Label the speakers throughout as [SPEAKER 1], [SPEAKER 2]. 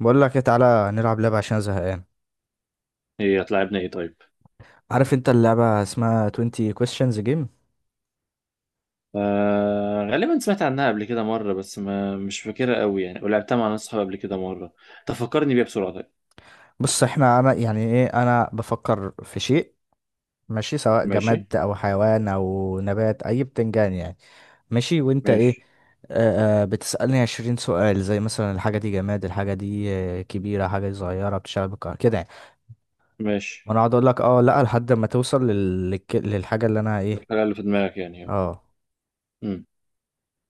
[SPEAKER 1] بقول لك إيه، تعالى نلعب لعبة عشان زهقان.
[SPEAKER 2] هي هتلاعبنا ايه طيب؟
[SPEAKER 1] عارف انت اللعبة اسمها 20 questions game.
[SPEAKER 2] آه غالبا سمعت عنها قبل كده مرة، بس ما مش فاكرها قوي يعني، ولعبتها مع ناس صحابي قبل كده مرة. تفكرني بيها بسرعة طيب.
[SPEAKER 1] بص احنا انا يعني ايه، انا بفكر في شيء ماشي، سواء
[SPEAKER 2] ماشي
[SPEAKER 1] جماد او حيوان او نبات، اي بتنجان يعني. ماشي وانت ايه.
[SPEAKER 2] ماشي
[SPEAKER 1] بتسألني 20 سؤال زي مثلا الحاجة دي جماد، الحاجة دي كبيرة، حاجة دي صغيرة، بتشتغل بالكهرباء كده يعني. وانا
[SPEAKER 2] ماشي.
[SPEAKER 1] اقعد اقول لك اه لا لحد ما توصل للحاجة اللي انا ايه.
[SPEAKER 2] الحاجة اللي في دماغك يعني اهو.
[SPEAKER 1] اه،
[SPEAKER 2] مم.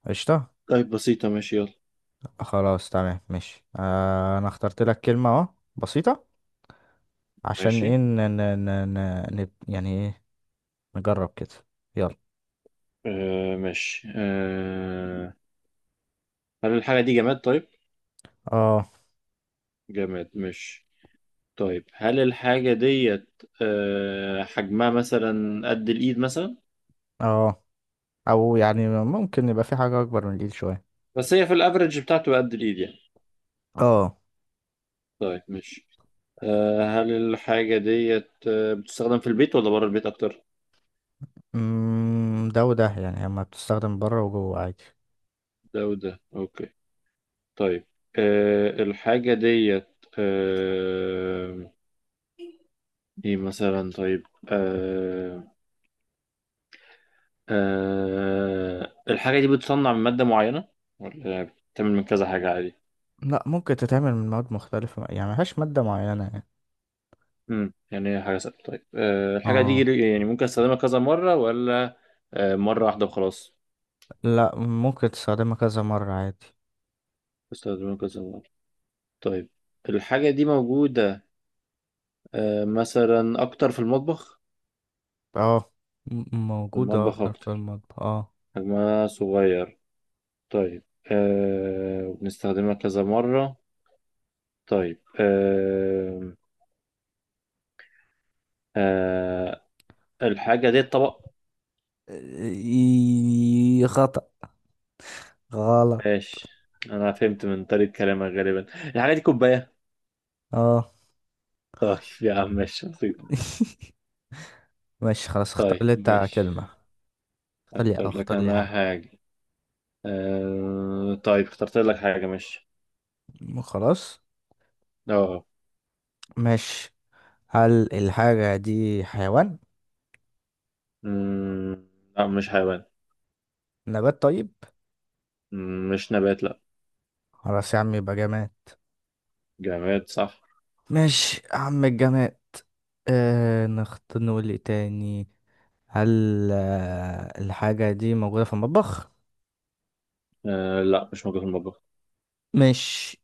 [SPEAKER 1] قشطة.
[SPEAKER 2] طيب بسيطة ماشي يلا.
[SPEAKER 1] خلاص تمام ماشي، آه انا اخترت لك كلمة اهو، بسيطة. عشان ايه
[SPEAKER 2] ماشي
[SPEAKER 1] يعني ايه، نجرب كده، يلا.
[SPEAKER 2] آه، ماشي آه. هل الحاجة دي جماد طيب؟
[SPEAKER 1] اه
[SPEAKER 2] جماد ماشي. طيب هل الحاجة ديت حجمها مثلا قد الإيد مثلا؟
[SPEAKER 1] اه او يعني ممكن يبقى في حاجة اكبر من الايد شوية.
[SPEAKER 2] بس هي في الأفرج بتاعته قد الإيد يعني.
[SPEAKER 1] اه،
[SPEAKER 2] طيب ماشي. آه، هل الحاجة ديت بتستخدم في البيت ولا بره البيت أكتر؟
[SPEAKER 1] ده وده يعني، اما بتستخدم بره وجوه عادي.
[SPEAKER 2] ده وده أوكي. طيب، آه، الحاجة ديت آه، إيه مثلا طيب؟ آه، الحاجة دي بتصنع من مادة معينة ولا بتتعمل من كذا حاجة عادي؟
[SPEAKER 1] لا ممكن تتعمل من مواد مختلفة يعني، ملهاش مادة معينة يعني.
[SPEAKER 2] يعني هي حاجة سهلة. طيب آه، الحاجة
[SPEAKER 1] اه،
[SPEAKER 2] دي يعني ممكن أستخدمها كذا مرة ولا مرة واحدة وخلاص؟
[SPEAKER 1] لا ممكن تستخدمها كذا مرة عادي.
[SPEAKER 2] بستخدمها كذا مرة. طيب، الحاجة دي موجودة آه، مثلا أكتر في المطبخ؟
[SPEAKER 1] اه،
[SPEAKER 2] في
[SPEAKER 1] موجودة
[SPEAKER 2] المطبخ
[SPEAKER 1] أكتر في
[SPEAKER 2] أكتر،
[SPEAKER 1] المطبخ اه.
[SPEAKER 2] حجمها صغير. طيب أه، وبنستخدمها كذا مرة. طيب أه، أه، الحاجة دي طبق؟
[SPEAKER 1] إيه، خطأ. غلط.
[SPEAKER 2] ماشي، أنا فهمت من طريقة كلامك غالبا الحاجة دي كوباية.
[SPEAKER 1] اه.
[SPEAKER 2] طيب يا عم ماشي بسيطة.
[SPEAKER 1] ماشي خلاص، اختار
[SPEAKER 2] طيب
[SPEAKER 1] لي انت
[SPEAKER 2] ماشي.
[SPEAKER 1] كلمة، اختار لي،
[SPEAKER 2] أختار لك
[SPEAKER 1] اختار لي
[SPEAKER 2] أنا
[SPEAKER 1] حاجة.
[SPEAKER 2] حاجة. أه طيب، اخترت لك حاجة ماشي.
[SPEAKER 1] خلاص
[SPEAKER 2] اه.
[SPEAKER 1] ماشي، هل الحاجة دي حيوان.
[SPEAKER 2] مم، لا مش حيوان.
[SPEAKER 1] نبات طيب.
[SPEAKER 2] مم، مش نبات لا.
[SPEAKER 1] خلاص يا عم يبقى جماد.
[SPEAKER 2] جماد صح.
[SPEAKER 1] ماشي يا عم الجماد. آه نخت نقول ايه تاني. هل آه الحاجة دي موجودة في المطبخ.
[SPEAKER 2] أه لا، مش موجود في المطبخ.
[SPEAKER 1] ماشي،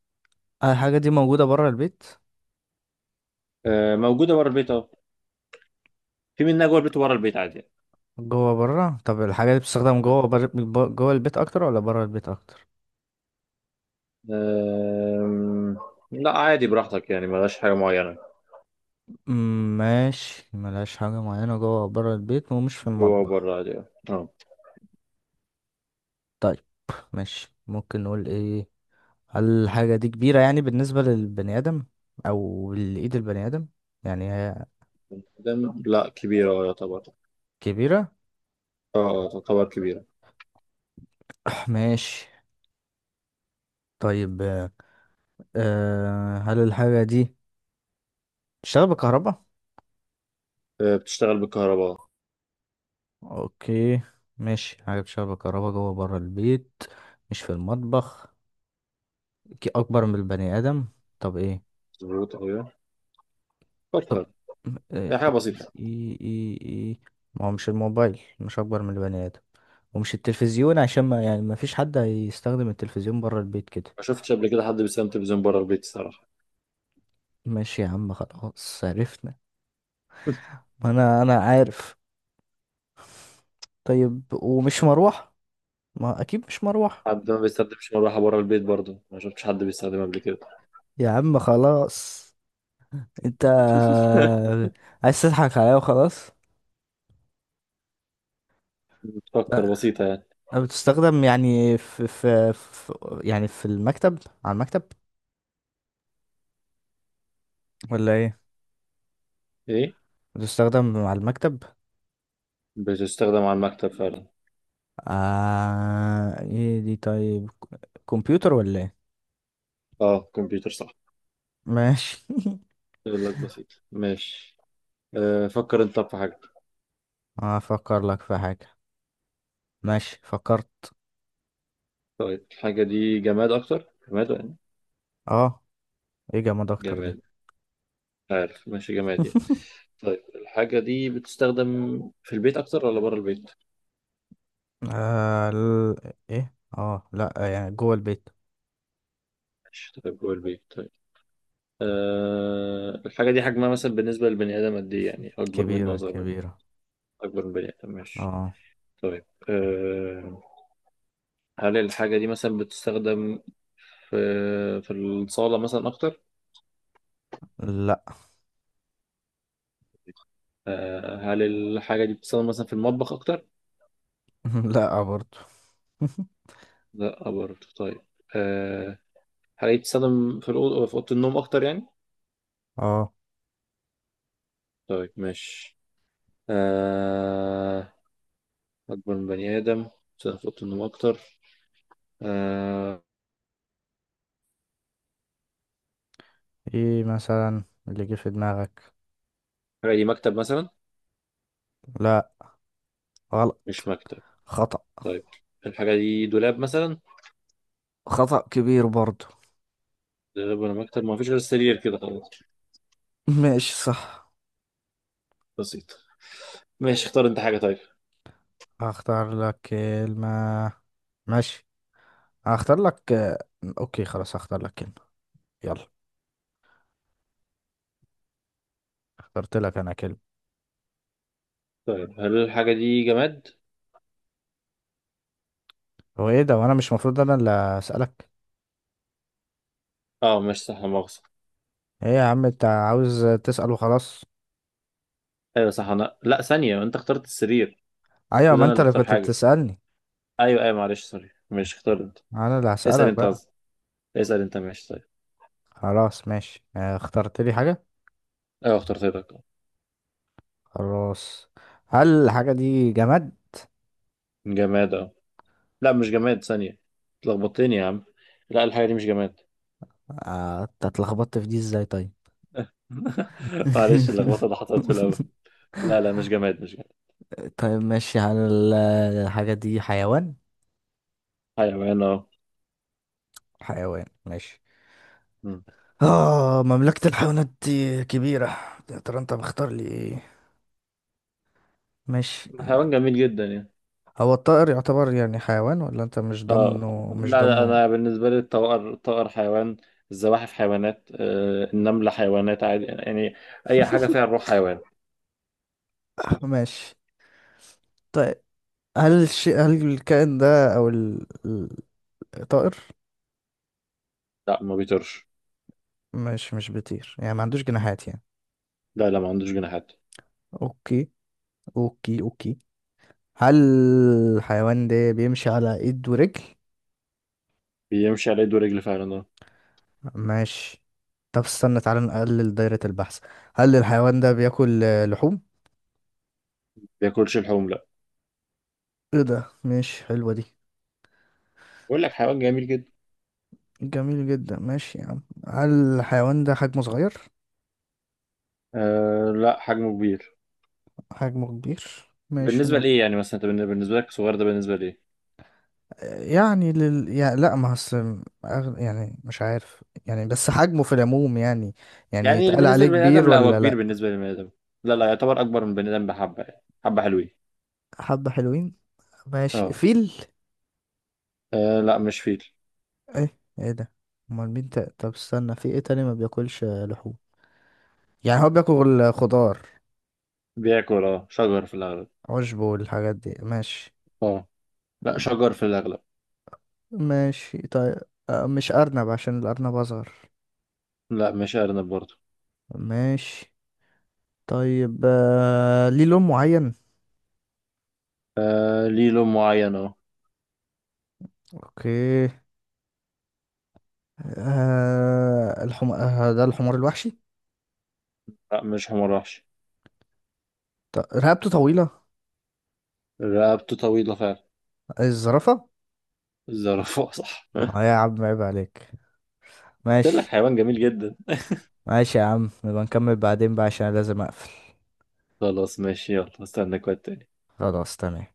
[SPEAKER 1] هل الحاجة دي موجودة برا البيت.
[SPEAKER 2] أه موجودة بره البيت أهو. في منها جوه البيت وبره البيت عادي يعني.
[SPEAKER 1] جوه برا، طب الحاجة دي بتستخدم
[SPEAKER 2] آه.
[SPEAKER 1] جوه جوه البيت أكتر ولا برا البيت أكتر.
[SPEAKER 2] أم... لا عادي براحتك يعني، ملهاش حاجة معينة.
[SPEAKER 1] مم، ماشي ملهاش حاجة معينة، جوه برا البيت ومش في
[SPEAKER 2] جوه
[SPEAKER 1] المطبخ.
[SPEAKER 2] وبره عادي يعني. اه.
[SPEAKER 1] طيب ماشي، ممكن نقول ايه، هل الحاجة دي كبيرة يعني بالنسبة للبني آدم أو لإيد البني آدم، يعني هي
[SPEAKER 2] دم لا كبيرة اه يعتبر.
[SPEAKER 1] كبيرة.
[SPEAKER 2] اه اه، تعتبر كبيرة.
[SPEAKER 1] ماشي طيب، آه هل الحاجة دي بتشتغل بالكهرباء؟
[SPEAKER 2] آه، بتشتغل بالكهرباء.
[SPEAKER 1] أوكي، ماشي حاجة بتشتغل بالكهرباء جوه برا البيت، مش في المطبخ، أكبر من البني آدم، طب إيه؟
[SPEAKER 2] مظبوط أوي يعني.
[SPEAKER 1] طب
[SPEAKER 2] فكر.
[SPEAKER 1] آه،
[SPEAKER 2] هي حاجة
[SPEAKER 1] إيه
[SPEAKER 2] بسيطة.
[SPEAKER 1] إيه إيه إيه؟ إيه. ما هو مش الموبايل مش أكبر من البني آدم، ومش التلفزيون عشان ما يعني ما فيش حد هيستخدم التلفزيون برا البيت كده.
[SPEAKER 2] ما شفتش قبل كده حد بيستخدم تلفزيون بره البيت الصراحة.
[SPEAKER 1] ماشي يا عم خلاص عرفنا. ما انا عارف. طيب ومش مروح، ما اكيد مش مروح.
[SPEAKER 2] حد ما بيستخدمش مروحة بره البيت برضه، ما شفتش حد بيستخدمها قبل كده.
[SPEAKER 1] يا عم خلاص، انت عايز تضحك عليا وخلاص.
[SPEAKER 2] بتفكر بسيطة يعني.
[SPEAKER 1] أه، بتستخدم يعني في يعني في المكتب، على المكتب، ولا ايه.
[SPEAKER 2] ايه؟
[SPEAKER 1] بتستخدم على المكتب.
[SPEAKER 2] بتستخدم على المكتب فعلا.
[SPEAKER 1] آه ايه دي طيب. كمبيوتر ولا ايه.
[SPEAKER 2] اه كمبيوتر صح.
[SPEAKER 1] ماشي.
[SPEAKER 2] يقول لك بسيط ماشي. آه، فكر انت في حاجة.
[SPEAKER 1] هفكر لك في حاجة. ماشي فكرت.
[SPEAKER 2] طيب، الحاجة دي جماد أكتر جماد يعني؟
[SPEAKER 1] اه، ايه جماد اكتر دي.
[SPEAKER 2] جماد، عارف ماشي جماد يعني. طيب، الحاجة دي بتستخدم في البيت أكتر ولا بره البيت؟
[SPEAKER 1] آه ال... ايه اه لا يعني جوه البيت.
[SPEAKER 2] ماشي طيب، جوه البيت طيب. أه، الحاجة دي حجمها مثلا بالنسبة للبني آدم قد إيه يعني، أكبر منه
[SPEAKER 1] كبيرة
[SPEAKER 2] أصغر منه؟
[SPEAKER 1] كبيرة.
[SPEAKER 2] أكبر من بني آدم ماشي.
[SPEAKER 1] اه،
[SPEAKER 2] طيب أه، هل الحاجة دي مثلا بتستخدم في في الصالة مثلا أكتر؟
[SPEAKER 1] لا.
[SPEAKER 2] أه، هل الحاجة دي بتستخدم مثلا في المطبخ أكتر؟
[SPEAKER 1] لا برضو.
[SPEAKER 2] لا برضه طيب. أه، هل هي بتستخدم في الأوضة، في أوضة النوم أكتر يعني؟
[SPEAKER 1] اه،
[SPEAKER 2] طيب ماشي. آه... أكبر من بني آدم، سقف أوضة النوم أكتر. آه...
[SPEAKER 1] ايه مثلا اللي جه في دماغك.
[SPEAKER 2] الحاجة دي مكتب مثلا؟
[SPEAKER 1] لا غلط.
[SPEAKER 2] مش مكتب
[SPEAKER 1] خطأ.
[SPEAKER 2] طيب. الحاجة دي دولاب مثلا؟
[SPEAKER 1] خطأ كبير برضو.
[SPEAKER 2] دولاب ولا مكتب، ما فيش غير السرير كده خلاص.
[SPEAKER 1] ماشي صح.
[SPEAKER 2] بسيط ماشي. اختار أنت حاجة طيب.
[SPEAKER 1] هختار لك كلمة، ماشي، هختار لك، اوكي خلاص هختار لك كلمة، يلا، اخترت لك انا كلمة.
[SPEAKER 2] طيب، هل الحاجة دي جماد؟
[SPEAKER 1] هو ايه ده، وانا مش المفروض انا اللي اسألك.
[SPEAKER 2] أه مش صح، لا مؤاخذة.
[SPEAKER 1] ايه يا عم، انت عاوز تسأل وخلاص.
[SPEAKER 2] أيوة صح، أنا لا ثانية، أنت اخترت السرير.
[SPEAKER 1] ايوه،
[SPEAKER 2] المفروض
[SPEAKER 1] ما
[SPEAKER 2] أنا
[SPEAKER 1] انت
[SPEAKER 2] اللي
[SPEAKER 1] اللي
[SPEAKER 2] أختار
[SPEAKER 1] كنت
[SPEAKER 2] حاجة.
[SPEAKER 1] بتسألني،
[SPEAKER 2] أيوة أيوة معلش سوري، ماشي اختار أنت.
[SPEAKER 1] انا اللي
[SPEAKER 2] اسأل
[SPEAKER 1] هسألك
[SPEAKER 2] أنت
[SPEAKER 1] بقى.
[SPEAKER 2] قصدي، اسأل أنت ماشي طيب.
[SPEAKER 1] خلاص ماشي، آه، اخترت لي حاجة.
[SPEAKER 2] أيوة اخترت لك.
[SPEAKER 1] خلاص. هل الحاجة دي جماد.
[SPEAKER 2] جماد؟ أه. لا مش جماد، ثانية، اتلخبطتني يا عم. لا، الحاجة دي مش جماد.
[SPEAKER 1] آه، أنت اتلخبطت في دي ازاي طيب.
[SPEAKER 2] معلش، اللخبطة اللي حصلت في الأول. لا لا، مش جماد مش جماد.
[SPEAKER 1] طيب ماشي، هل الحاجة دي حيوان.
[SPEAKER 2] حيوان اه.
[SPEAKER 1] حيوان ماشي.
[SPEAKER 2] مم.
[SPEAKER 1] اه، مملكة الحيوانات دي كبيرة، يا ترى انت مختار لي ايه. ماشي.
[SPEAKER 2] حيوان جميل جدا يعني.
[SPEAKER 1] هو الطائر يعتبر يعني حيوان، ولا انت مش
[SPEAKER 2] اه
[SPEAKER 1] ضمنه مش
[SPEAKER 2] لا لا،
[SPEAKER 1] ضمنه.
[SPEAKER 2] أنا بالنسبة لي الطائر، الطائر حيوان. الزواحف حيوانات، آه، النملة حيوانات عادي يعني. أي حاجة فيها الروح حيوان.
[SPEAKER 1] ماشي طيب، هل الشيء، هل الكائن ده او الطائر.
[SPEAKER 2] لا، ما بيطيرش.
[SPEAKER 1] مش بيطير يعني ما عندوش جناحات يعني.
[SPEAKER 2] لا لا، ما عندوش جناحات.
[SPEAKER 1] اوكي اوكي اوكي. هل الحيوان ده بيمشي على ايد ورجل.
[SPEAKER 2] بيمشي على إيده ورجل فعلا اه.
[SPEAKER 1] ماشي، طب استنى تعالى نقلل دايرة البحث. هل الحيوان ده بياكل آه، لحوم.
[SPEAKER 2] بياكلش اللحوم لا.
[SPEAKER 1] ايه ده، ماشي حلوة دي.
[SPEAKER 2] بقول لك حيوان جميل جدا.
[SPEAKER 1] جميل جدا ماشي يا عم. هل الحيوان ده حجمه صغير.
[SPEAKER 2] آه لا، حجمه كبير.
[SPEAKER 1] حجمه كبير ماشي.
[SPEAKER 2] بالنسبة
[SPEAKER 1] ما
[SPEAKER 2] لإيه يعني؟ مثلا أنت بالنسبة لك صغير ده بالنسبة لإيه؟
[SPEAKER 1] يعني يعني لا ما يعني مش عارف يعني، بس حجمه في العموم يعني، يعني
[SPEAKER 2] يعني
[SPEAKER 1] يتقال
[SPEAKER 2] بالنسبة
[SPEAKER 1] عليه
[SPEAKER 2] للبني آدم،
[SPEAKER 1] كبير
[SPEAKER 2] لا هو
[SPEAKER 1] ولا
[SPEAKER 2] كبير
[SPEAKER 1] لا.
[SPEAKER 2] بالنسبة للبني آدم. لا لا، يعتبر أكبر من البني آدم بحبة يعني، حبة حلوين.
[SPEAKER 1] حبة حلوين. ماشي
[SPEAKER 2] اه.
[SPEAKER 1] فيل.
[SPEAKER 2] آه، لا مش فيل.
[SPEAKER 1] ايه ايه ده، امال مين طب استنى، في ايه تاني ما بياكلش لحوم، يعني هو بياكل خضار
[SPEAKER 2] بياكل اه شجر في الأغلب.
[SPEAKER 1] عشب والحاجات دي ماشي.
[SPEAKER 2] اه لا، شجر في الأغلب.
[SPEAKER 1] ماشي طيب، آه، مش ارنب عشان الارنب اصغر.
[SPEAKER 2] لا مش أرنب برضه.
[SPEAKER 1] ماشي طيب، آه، ليه لون معين.
[SPEAKER 2] آه، ليه لون معين اه.
[SPEAKER 1] اوكي. آه الحم... آه ده الحمار الوحشي.
[SPEAKER 2] لا مش حمار وحش.
[SPEAKER 1] رقبته طويلة.
[SPEAKER 2] رقبته طويلة فعلا.
[SPEAKER 1] الزرافة.
[SPEAKER 2] الزرافة صح.
[SPEAKER 1] اه يا عم عيب عليك.
[SPEAKER 2] ده لك
[SPEAKER 1] ماشي.
[SPEAKER 2] حيوان جميل جدا.
[SPEAKER 1] ماشي يا عم، نبقى نكمل بعدين بقى عشان أنا لازم اقفل.
[SPEAKER 2] خلاص ماشي يلا، استنى كويس.
[SPEAKER 1] خلاص تمام.